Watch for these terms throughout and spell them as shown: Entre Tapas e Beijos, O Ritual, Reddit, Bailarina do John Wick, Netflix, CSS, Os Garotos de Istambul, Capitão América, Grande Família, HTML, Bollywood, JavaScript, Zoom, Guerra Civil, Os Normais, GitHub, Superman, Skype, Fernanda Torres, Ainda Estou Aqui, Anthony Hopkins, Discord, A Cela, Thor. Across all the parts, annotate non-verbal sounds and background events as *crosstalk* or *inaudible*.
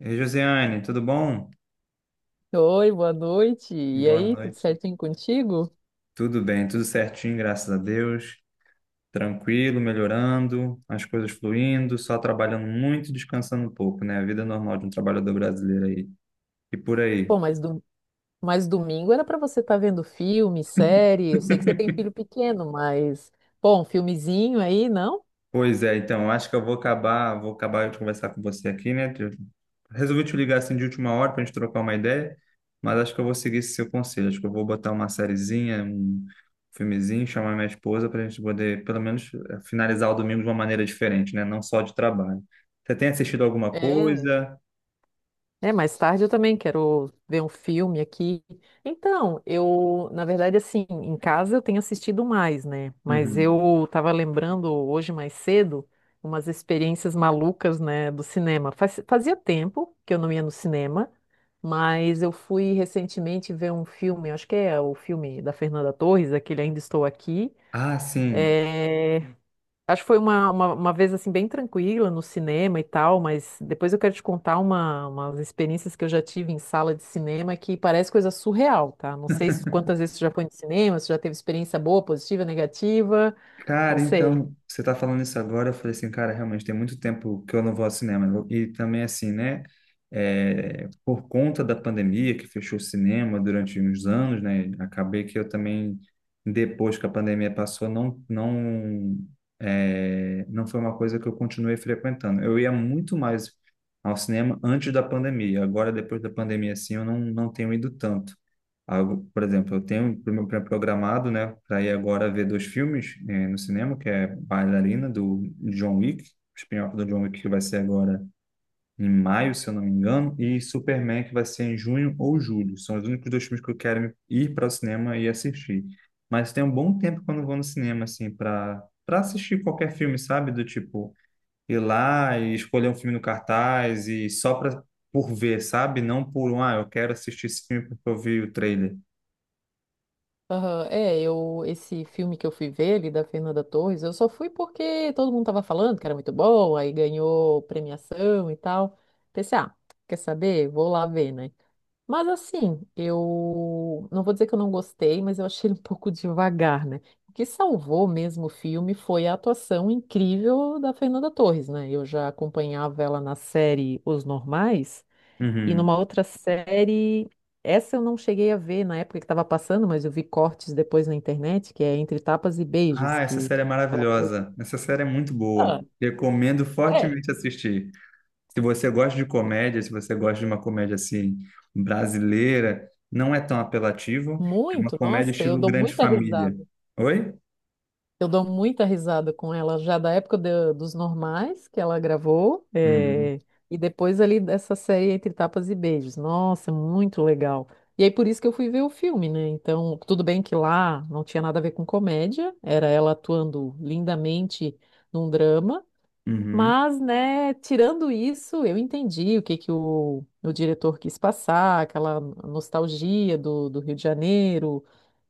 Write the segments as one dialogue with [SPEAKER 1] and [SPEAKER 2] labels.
[SPEAKER 1] E aí, Josiane, tudo bom?
[SPEAKER 2] Oi, boa noite. E
[SPEAKER 1] Boa
[SPEAKER 2] aí, tudo
[SPEAKER 1] noite.
[SPEAKER 2] certinho contigo?
[SPEAKER 1] Tudo bem, tudo certinho, graças a Deus. Tranquilo, melhorando, as coisas fluindo, só trabalhando muito, e descansando um pouco, né? A vida normal de um trabalhador brasileiro aí. E por aí.
[SPEAKER 2] Pô, mas domingo era pra você estar vendo filme, série. Eu sei que você tem filho pequeno, mas, pô, um filmezinho aí, não?
[SPEAKER 1] Pois é, então, eu acho que eu vou acabar de conversar com você aqui, né? Eu resolvi te ligar assim de última hora para a gente trocar uma ideia, mas acho que eu vou seguir esse seu conselho. Acho que eu vou botar uma sériezinha, um filmezinho, chamar minha esposa para a gente poder, pelo menos, finalizar o domingo de uma maneira diferente, né? Não só de trabalho. Você tem assistido alguma
[SPEAKER 2] É.
[SPEAKER 1] coisa?
[SPEAKER 2] É, mais tarde eu também quero ver um filme aqui. Então, eu, na verdade, assim, em casa eu tenho assistido mais, né? Mas
[SPEAKER 1] Uhum.
[SPEAKER 2] eu estava lembrando hoje mais cedo umas experiências malucas, né, do cinema. Fazia tempo que eu não ia no cinema, mas eu fui recentemente ver um filme, acho que é o filme da Fernanda Torres, aquele Ainda Estou Aqui.
[SPEAKER 1] Ah, sim.
[SPEAKER 2] É, acho que foi uma vez assim bem tranquila no cinema e tal, mas depois eu quero te contar uma, umas experiências que eu já tive em sala de cinema que parece coisa surreal, tá? Não sei quantas vezes tu já foi no cinema, se já teve experiência boa, positiva, negativa, não
[SPEAKER 1] Cara,
[SPEAKER 2] sei.
[SPEAKER 1] então, você tá falando isso agora, eu falei assim, cara, realmente tem muito tempo que eu não vou ao cinema, né? E também assim, né, é, por conta da pandemia que fechou o cinema durante uns anos, né, acabei que eu também, depois que a pandemia passou, é, não foi uma coisa que eu continuei frequentando. Eu ia muito mais ao cinema antes da pandemia. Agora, depois da pandemia, assim, eu não tenho ido tanto algo, por exemplo, eu tenho pro meu programado, né, para ir agora ver dois filmes no cinema, que é Bailarina do John Wick, o spin-off do John Wick que vai ser agora em maio, se eu não me engano, e Superman que vai ser em junho ou julho. São os únicos dois filmes que eu quero ir para o cinema e assistir. Mas tem um bom tempo quando eu vou no cinema assim para assistir qualquer filme, sabe? Do tipo ir lá e escolher um filme no cartaz e só para por ver, sabe? Não por um, ah, eu quero assistir esse filme porque eu vi o trailer.
[SPEAKER 2] Aham, é, esse filme que eu fui ver ali da Fernanda Torres, eu só fui porque todo mundo tava falando que era muito bom, aí ganhou premiação e tal. Pensei, ah, quer saber? Vou lá ver, né? Mas assim, eu não vou dizer que eu não gostei, mas eu achei ele um pouco devagar, né? O que salvou mesmo o filme foi a atuação incrível da Fernanda Torres, né? Eu já acompanhava ela na série Os Normais e
[SPEAKER 1] Uhum.
[SPEAKER 2] numa outra série, essa eu não cheguei a ver na época que estava passando, mas eu vi cortes depois na internet, que é Entre Tapas e Beijos,
[SPEAKER 1] Ah, essa série é
[SPEAKER 2] ela fez-
[SPEAKER 1] maravilhosa. Essa série é muito boa.
[SPEAKER 2] ah,
[SPEAKER 1] Recomendo
[SPEAKER 2] é,
[SPEAKER 1] fortemente assistir. Se você gosta de comédia, se você gosta de uma comédia assim brasileira, não é tão apelativo. É uma
[SPEAKER 2] muito,
[SPEAKER 1] comédia
[SPEAKER 2] nossa, eu
[SPEAKER 1] estilo
[SPEAKER 2] dou
[SPEAKER 1] Grande
[SPEAKER 2] muita
[SPEAKER 1] Família.
[SPEAKER 2] risada.
[SPEAKER 1] Oi?
[SPEAKER 2] Eu dou muita risada com ela, já da época dos normais que ela gravou,
[SPEAKER 1] Uhum.
[SPEAKER 2] e depois ali dessa série Entre Tapas e Beijos. Nossa, muito legal. E aí por isso que eu fui ver o filme, né? Então, tudo bem que lá não tinha nada a ver com comédia, era ela atuando lindamente num drama,
[SPEAKER 1] Uhum.
[SPEAKER 2] mas, né, tirando isso, eu entendi o que que o diretor quis passar, aquela nostalgia do Rio de Janeiro,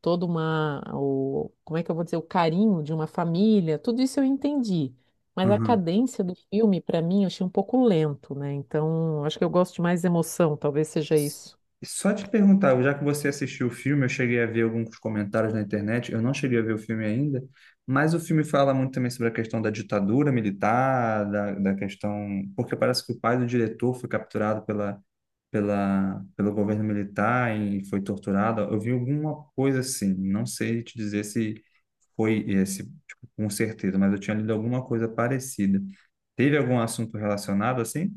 [SPEAKER 2] toda uma, o, como é que eu vou dizer, o carinho de uma família, tudo isso eu entendi. Mas a
[SPEAKER 1] Uhum.
[SPEAKER 2] cadência do filme, para mim, eu achei um pouco lento, né? Então, acho que eu gosto de mais emoção, talvez seja isso.
[SPEAKER 1] Só te perguntar, já que você assistiu o filme, eu cheguei a ver alguns comentários na internet, eu não cheguei a ver o filme ainda, mas o filme fala muito também sobre a questão da ditadura militar, da questão. Porque parece que o pai do diretor foi capturado pelo governo militar e foi torturado. Eu vi alguma coisa assim, não sei te dizer se foi esse, tipo, com certeza, mas eu tinha lido alguma coisa parecida. Teve algum assunto relacionado assim?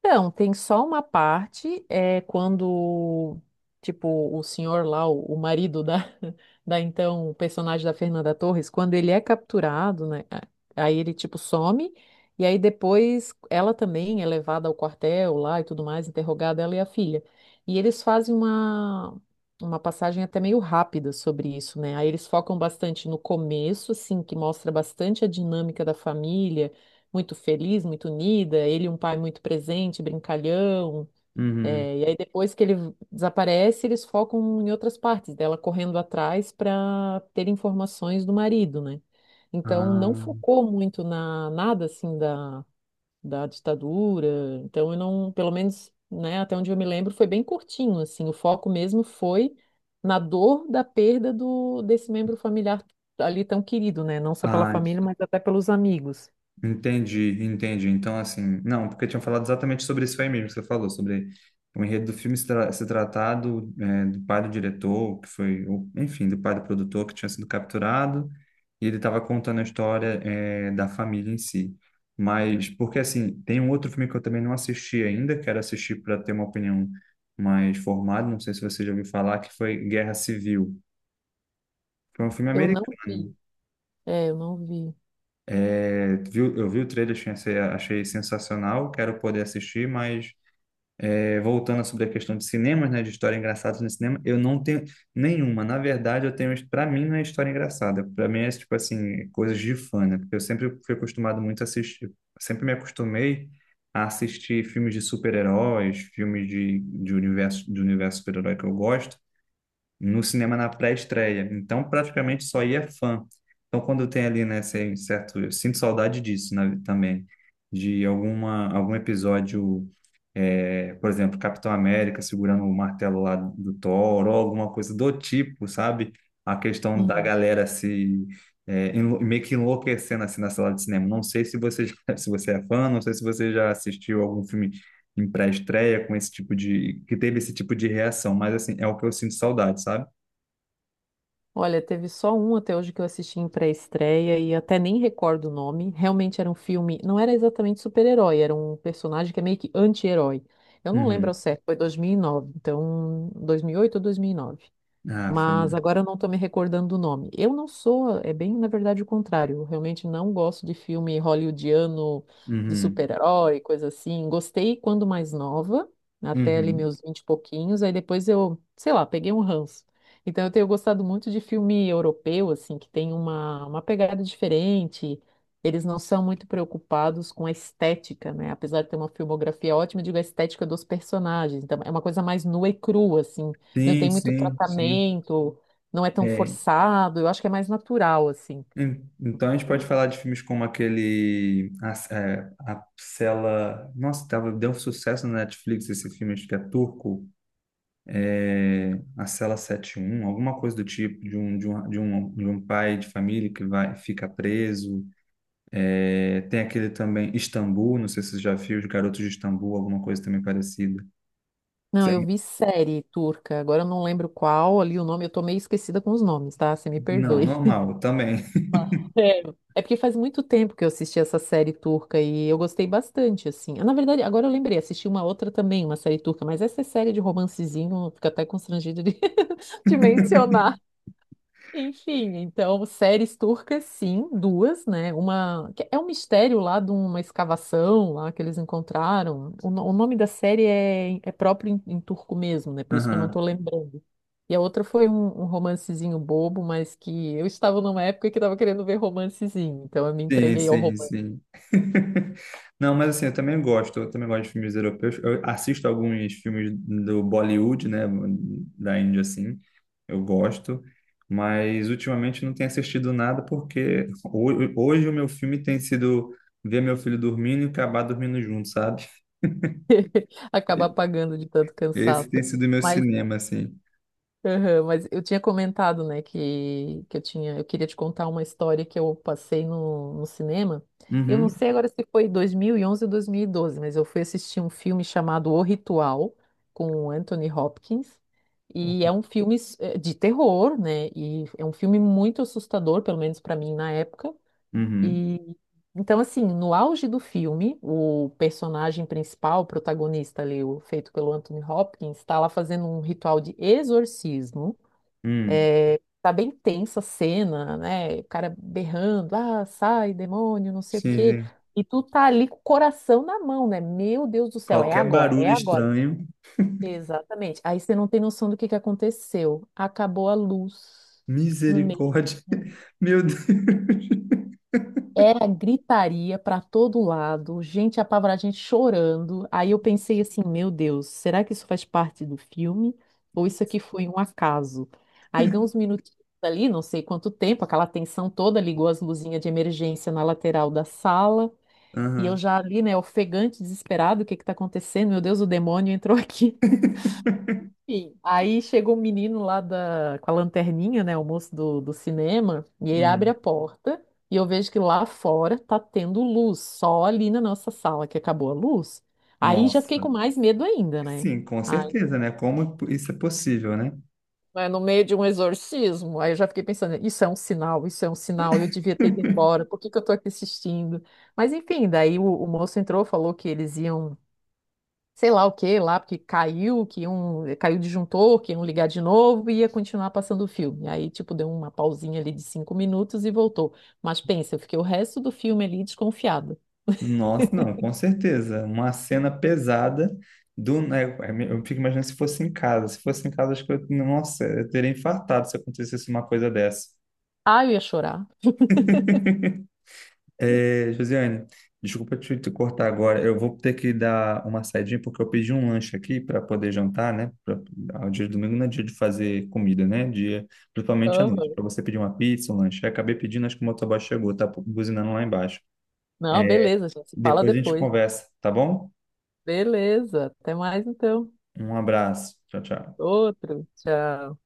[SPEAKER 2] Então, tem só uma parte, é quando, tipo, o senhor lá, o marido da, *laughs* da então, o personagem da Fernanda Torres, quando ele é capturado, né? Aí ele, tipo, some, e aí depois ela também é levada ao quartel lá e tudo mais, interrogada, ela e a filha. E eles fazem uma passagem até meio rápida sobre isso, né? Aí eles focam bastante no começo, assim, que mostra bastante a dinâmica da família muito feliz, muito unida, ele e um pai muito presente, brincalhão.
[SPEAKER 1] Uhum.
[SPEAKER 2] É, e aí depois que ele desaparece, eles focam em outras partes dela correndo atrás para ter informações do marido, né? Então não
[SPEAKER 1] Ah,
[SPEAKER 2] focou muito na nada assim da ditadura. Então eu não, pelo menos, né, até onde eu me lembro, foi bem curtinho assim. O foco mesmo foi na dor da perda do desse membro familiar ali tão querido, né? Não só pela
[SPEAKER 1] ah,
[SPEAKER 2] família, mas até pelos amigos.
[SPEAKER 1] Entendi, entendi. Então, assim, não, porque tinham falado exatamente sobre isso aí mesmo que você falou, sobre o enredo do filme se tratar do, é, do pai do diretor, que foi, o- enfim, do pai do produtor que tinha sido capturado, e ele estava contando a história, é, da família em si. Mas, porque, assim, tem um outro filme que eu também não assisti ainda, quero assistir para ter uma opinião mais formada, não sei se você já ouviu falar, que foi Guerra Civil. Foi um filme
[SPEAKER 2] Eu não
[SPEAKER 1] americano.
[SPEAKER 2] vi. É, eu não vi.
[SPEAKER 1] É, viu, eu vi o trailer, achei, achei sensacional, quero poder assistir, mas é, voltando sobre a questão de cinemas, né, de história engraçada no cinema, eu não tenho nenhuma. Na verdade, eu tenho, para mim, não é história engraçada, para mim é tipo assim, coisas de fã, né? Porque eu sempre fui acostumado muito a assistir, sempre me acostumei a assistir filmes de super-heróis, filmes de, universo, de universo super-herói que eu gosto no cinema na pré-estreia. Então, praticamente só ia fã. Então, quando tem ali, né, esse certo, eu sinto saudade disso, né, também, de alguma, algum episódio, é, por exemplo, Capitão América segurando o martelo lá do Thor, ou alguma coisa do tipo, sabe? A questão da
[SPEAKER 2] Uhum.
[SPEAKER 1] galera se é, meio que enlouquecendo assim na sala de cinema. Não sei se você já- *laughs* se você é fã, não sei se você já assistiu algum filme em pré-estreia com esse tipo de que teve esse tipo de reação, mas assim, é o que eu sinto saudade, sabe?
[SPEAKER 2] Olha, teve só um até hoje que eu assisti em pré-estreia e até nem recordo o nome. Realmente era um filme, não era exatamente super-herói, era um personagem que é meio que anti-herói. Eu não lembro ao
[SPEAKER 1] Uhum.
[SPEAKER 2] certo, foi 2009, então 2008 ou 2009,
[SPEAKER 1] Ah,
[SPEAKER 2] mas
[SPEAKER 1] família.
[SPEAKER 2] agora eu não estou me recordando do nome. Eu não sou, é bem, na verdade, o contrário. Eu realmente não gosto de filme hollywoodiano, de
[SPEAKER 1] Uhum.
[SPEAKER 2] super-herói, coisa assim. Gostei quando mais nova, até ali
[SPEAKER 1] Uhum.
[SPEAKER 2] meus 20 e pouquinhos, aí depois eu, sei lá, peguei um ranço. Então eu tenho gostado muito de filme europeu, assim, que tem uma pegada diferente. Eles não são muito preocupados com a estética, né? Apesar de ter uma filmografia ótima, eu digo a estética dos personagens. Então, é uma coisa mais nua e crua, assim. Não
[SPEAKER 1] Sim,
[SPEAKER 2] tem muito
[SPEAKER 1] sim, sim.
[SPEAKER 2] tratamento, não é tão
[SPEAKER 1] É.
[SPEAKER 2] forçado, eu acho que é mais natural, assim.
[SPEAKER 1] Então a gente
[SPEAKER 2] Pra
[SPEAKER 1] pode
[SPEAKER 2] eles.
[SPEAKER 1] falar de filmes como aquele a Cela. Nossa, tava, deu um sucesso na Netflix esse filme, acho que é turco. É, a Cela 71 alguma coisa do tipo, de um pai de família que vai, fica preso. É, tem aquele também, Istambul, não sei se você já viu, Os Garotos de Istambul, alguma coisa também parecida.
[SPEAKER 2] Não, eu vi série turca, agora eu não lembro qual ali o nome, eu tô meio esquecida com os nomes, tá? Você me
[SPEAKER 1] Não,
[SPEAKER 2] perdoe.
[SPEAKER 1] normal, eu também.
[SPEAKER 2] *laughs* Mas, é, é porque faz muito tempo que eu assisti essa série turca e eu gostei bastante, assim. Ah, na verdade, agora eu lembrei, assisti uma outra também, uma série turca, mas essa é série de romancezinho, fico até constrangida de, *laughs* de mencionar. Enfim, então, séries turcas, sim, duas, né? Uma que é um mistério lá de uma escavação lá que eles encontraram. O, no- o nome da série é, é próprio em, em turco mesmo, né? Por isso que eu não
[SPEAKER 1] *laughs*
[SPEAKER 2] tô lembrando. E a outra foi um romancezinho bobo, mas que eu estava numa época que estava querendo ver romancezinho, então eu me
[SPEAKER 1] Sim,
[SPEAKER 2] entreguei ao
[SPEAKER 1] sim,
[SPEAKER 2] romance,
[SPEAKER 1] sim. *laughs* Não, mas assim, eu também gosto de filmes europeus. Eu assisto alguns filmes do Bollywood, né, da Índia, assim, eu gosto, mas ultimamente não tenho assistido nada porque hoje o meu filme tem sido ver meu filho dormindo e acabar dormindo junto, sabe?
[SPEAKER 2] *laughs* acaba
[SPEAKER 1] E-
[SPEAKER 2] apagando de tanto
[SPEAKER 1] Esse tem
[SPEAKER 2] cansaço.
[SPEAKER 1] sido o meu cinema, assim.
[SPEAKER 2] Aham, mas eu tinha comentado, né, que eu tinha, eu queria te contar uma história que eu passei no cinema. Eu não
[SPEAKER 1] Uhum,
[SPEAKER 2] sei agora se foi 2011 ou 2012, mas eu fui assistir um filme chamado O Ritual, com o Anthony Hopkins, e é um filme de terror, né, e é um filme muito assustador, pelo menos para mim na época.
[SPEAKER 1] uhum,
[SPEAKER 2] E então, assim, no auge do filme, o personagem principal, o protagonista ali, o, feito pelo Anthony Hopkins, está lá fazendo um ritual de exorcismo.
[SPEAKER 1] uhum.
[SPEAKER 2] É, tá bem tensa a cena, né? O cara berrando, ah, sai, demônio, não sei o
[SPEAKER 1] Sim,
[SPEAKER 2] quê.
[SPEAKER 1] sim.
[SPEAKER 2] E tu tá ali com o coração na mão, né? Meu Deus do céu, é
[SPEAKER 1] Qualquer
[SPEAKER 2] agora,
[SPEAKER 1] barulho
[SPEAKER 2] é agora.
[SPEAKER 1] estranho,
[SPEAKER 2] Exatamente. Aí você não tem noção do que aconteceu. Acabou a luz no meio.
[SPEAKER 1] misericórdia, *laughs* meu Deus.
[SPEAKER 2] Era gritaria para todo lado, gente apavorada, gente chorando. Aí eu pensei assim, meu Deus, será que isso faz parte do filme? Ou isso aqui foi um acaso? Aí deu uns minutinhos ali, não sei quanto tempo, aquela tensão toda, ligou as luzinhas de emergência na lateral da sala, e eu
[SPEAKER 1] Aham.
[SPEAKER 2] já ali, né, ofegante, desesperado, o que que tá acontecendo? Meu Deus, o demônio entrou aqui. Enfim, aí chega o menino lá da, com a lanterninha, né, o moço do cinema, e ele abre a
[SPEAKER 1] Uhum.
[SPEAKER 2] porta e eu vejo que lá fora tá tendo luz, só ali na nossa sala que acabou a luz. Aí já fiquei com
[SPEAKER 1] Nossa.
[SPEAKER 2] mais medo ainda, né?
[SPEAKER 1] Sim, com
[SPEAKER 2] Ai,
[SPEAKER 1] certeza, né? Como isso é possível, né?
[SPEAKER 2] mas no meio de um exorcismo, aí eu já fiquei pensando, isso é um sinal, isso é um sinal, eu devia ter ido embora, por que que eu tô aqui assistindo? Mas enfim, daí o moço entrou, falou que eles iam sei lá o que lá, porque caiu, que um caiu o disjuntor, que iam ligar de novo e ia continuar passando o filme. Aí, tipo, deu uma pausinha ali de 5 minutos e voltou. Mas pensa, eu fiquei o resto do filme ali desconfiada.
[SPEAKER 1] Nossa, não, com certeza. Uma cena pesada do, né, eu fico imaginando se fosse em casa. Se fosse em casa, acho que eu, nossa, eu teria infartado se acontecesse uma coisa dessa.
[SPEAKER 2] Ah, eu ia chorar.
[SPEAKER 1] É, Josiane, desculpa te cortar agora. Eu vou ter que dar uma saidinha porque eu pedi um lanche aqui para poder jantar, né? Pra, ao dia de domingo não é dia de fazer comida, né? Dia, principalmente à noite,
[SPEAKER 2] Aham.
[SPEAKER 1] para você pedir uma pizza, um lanche. Eu acabei pedindo, acho que o motoboy chegou, tá buzinando lá embaixo.
[SPEAKER 2] Não, beleza, a gente se fala
[SPEAKER 1] Depois a gente
[SPEAKER 2] depois.
[SPEAKER 1] conversa, tá bom?
[SPEAKER 2] Beleza, até mais então.
[SPEAKER 1] Um abraço. Tchau, tchau.
[SPEAKER 2] Outro, tchau.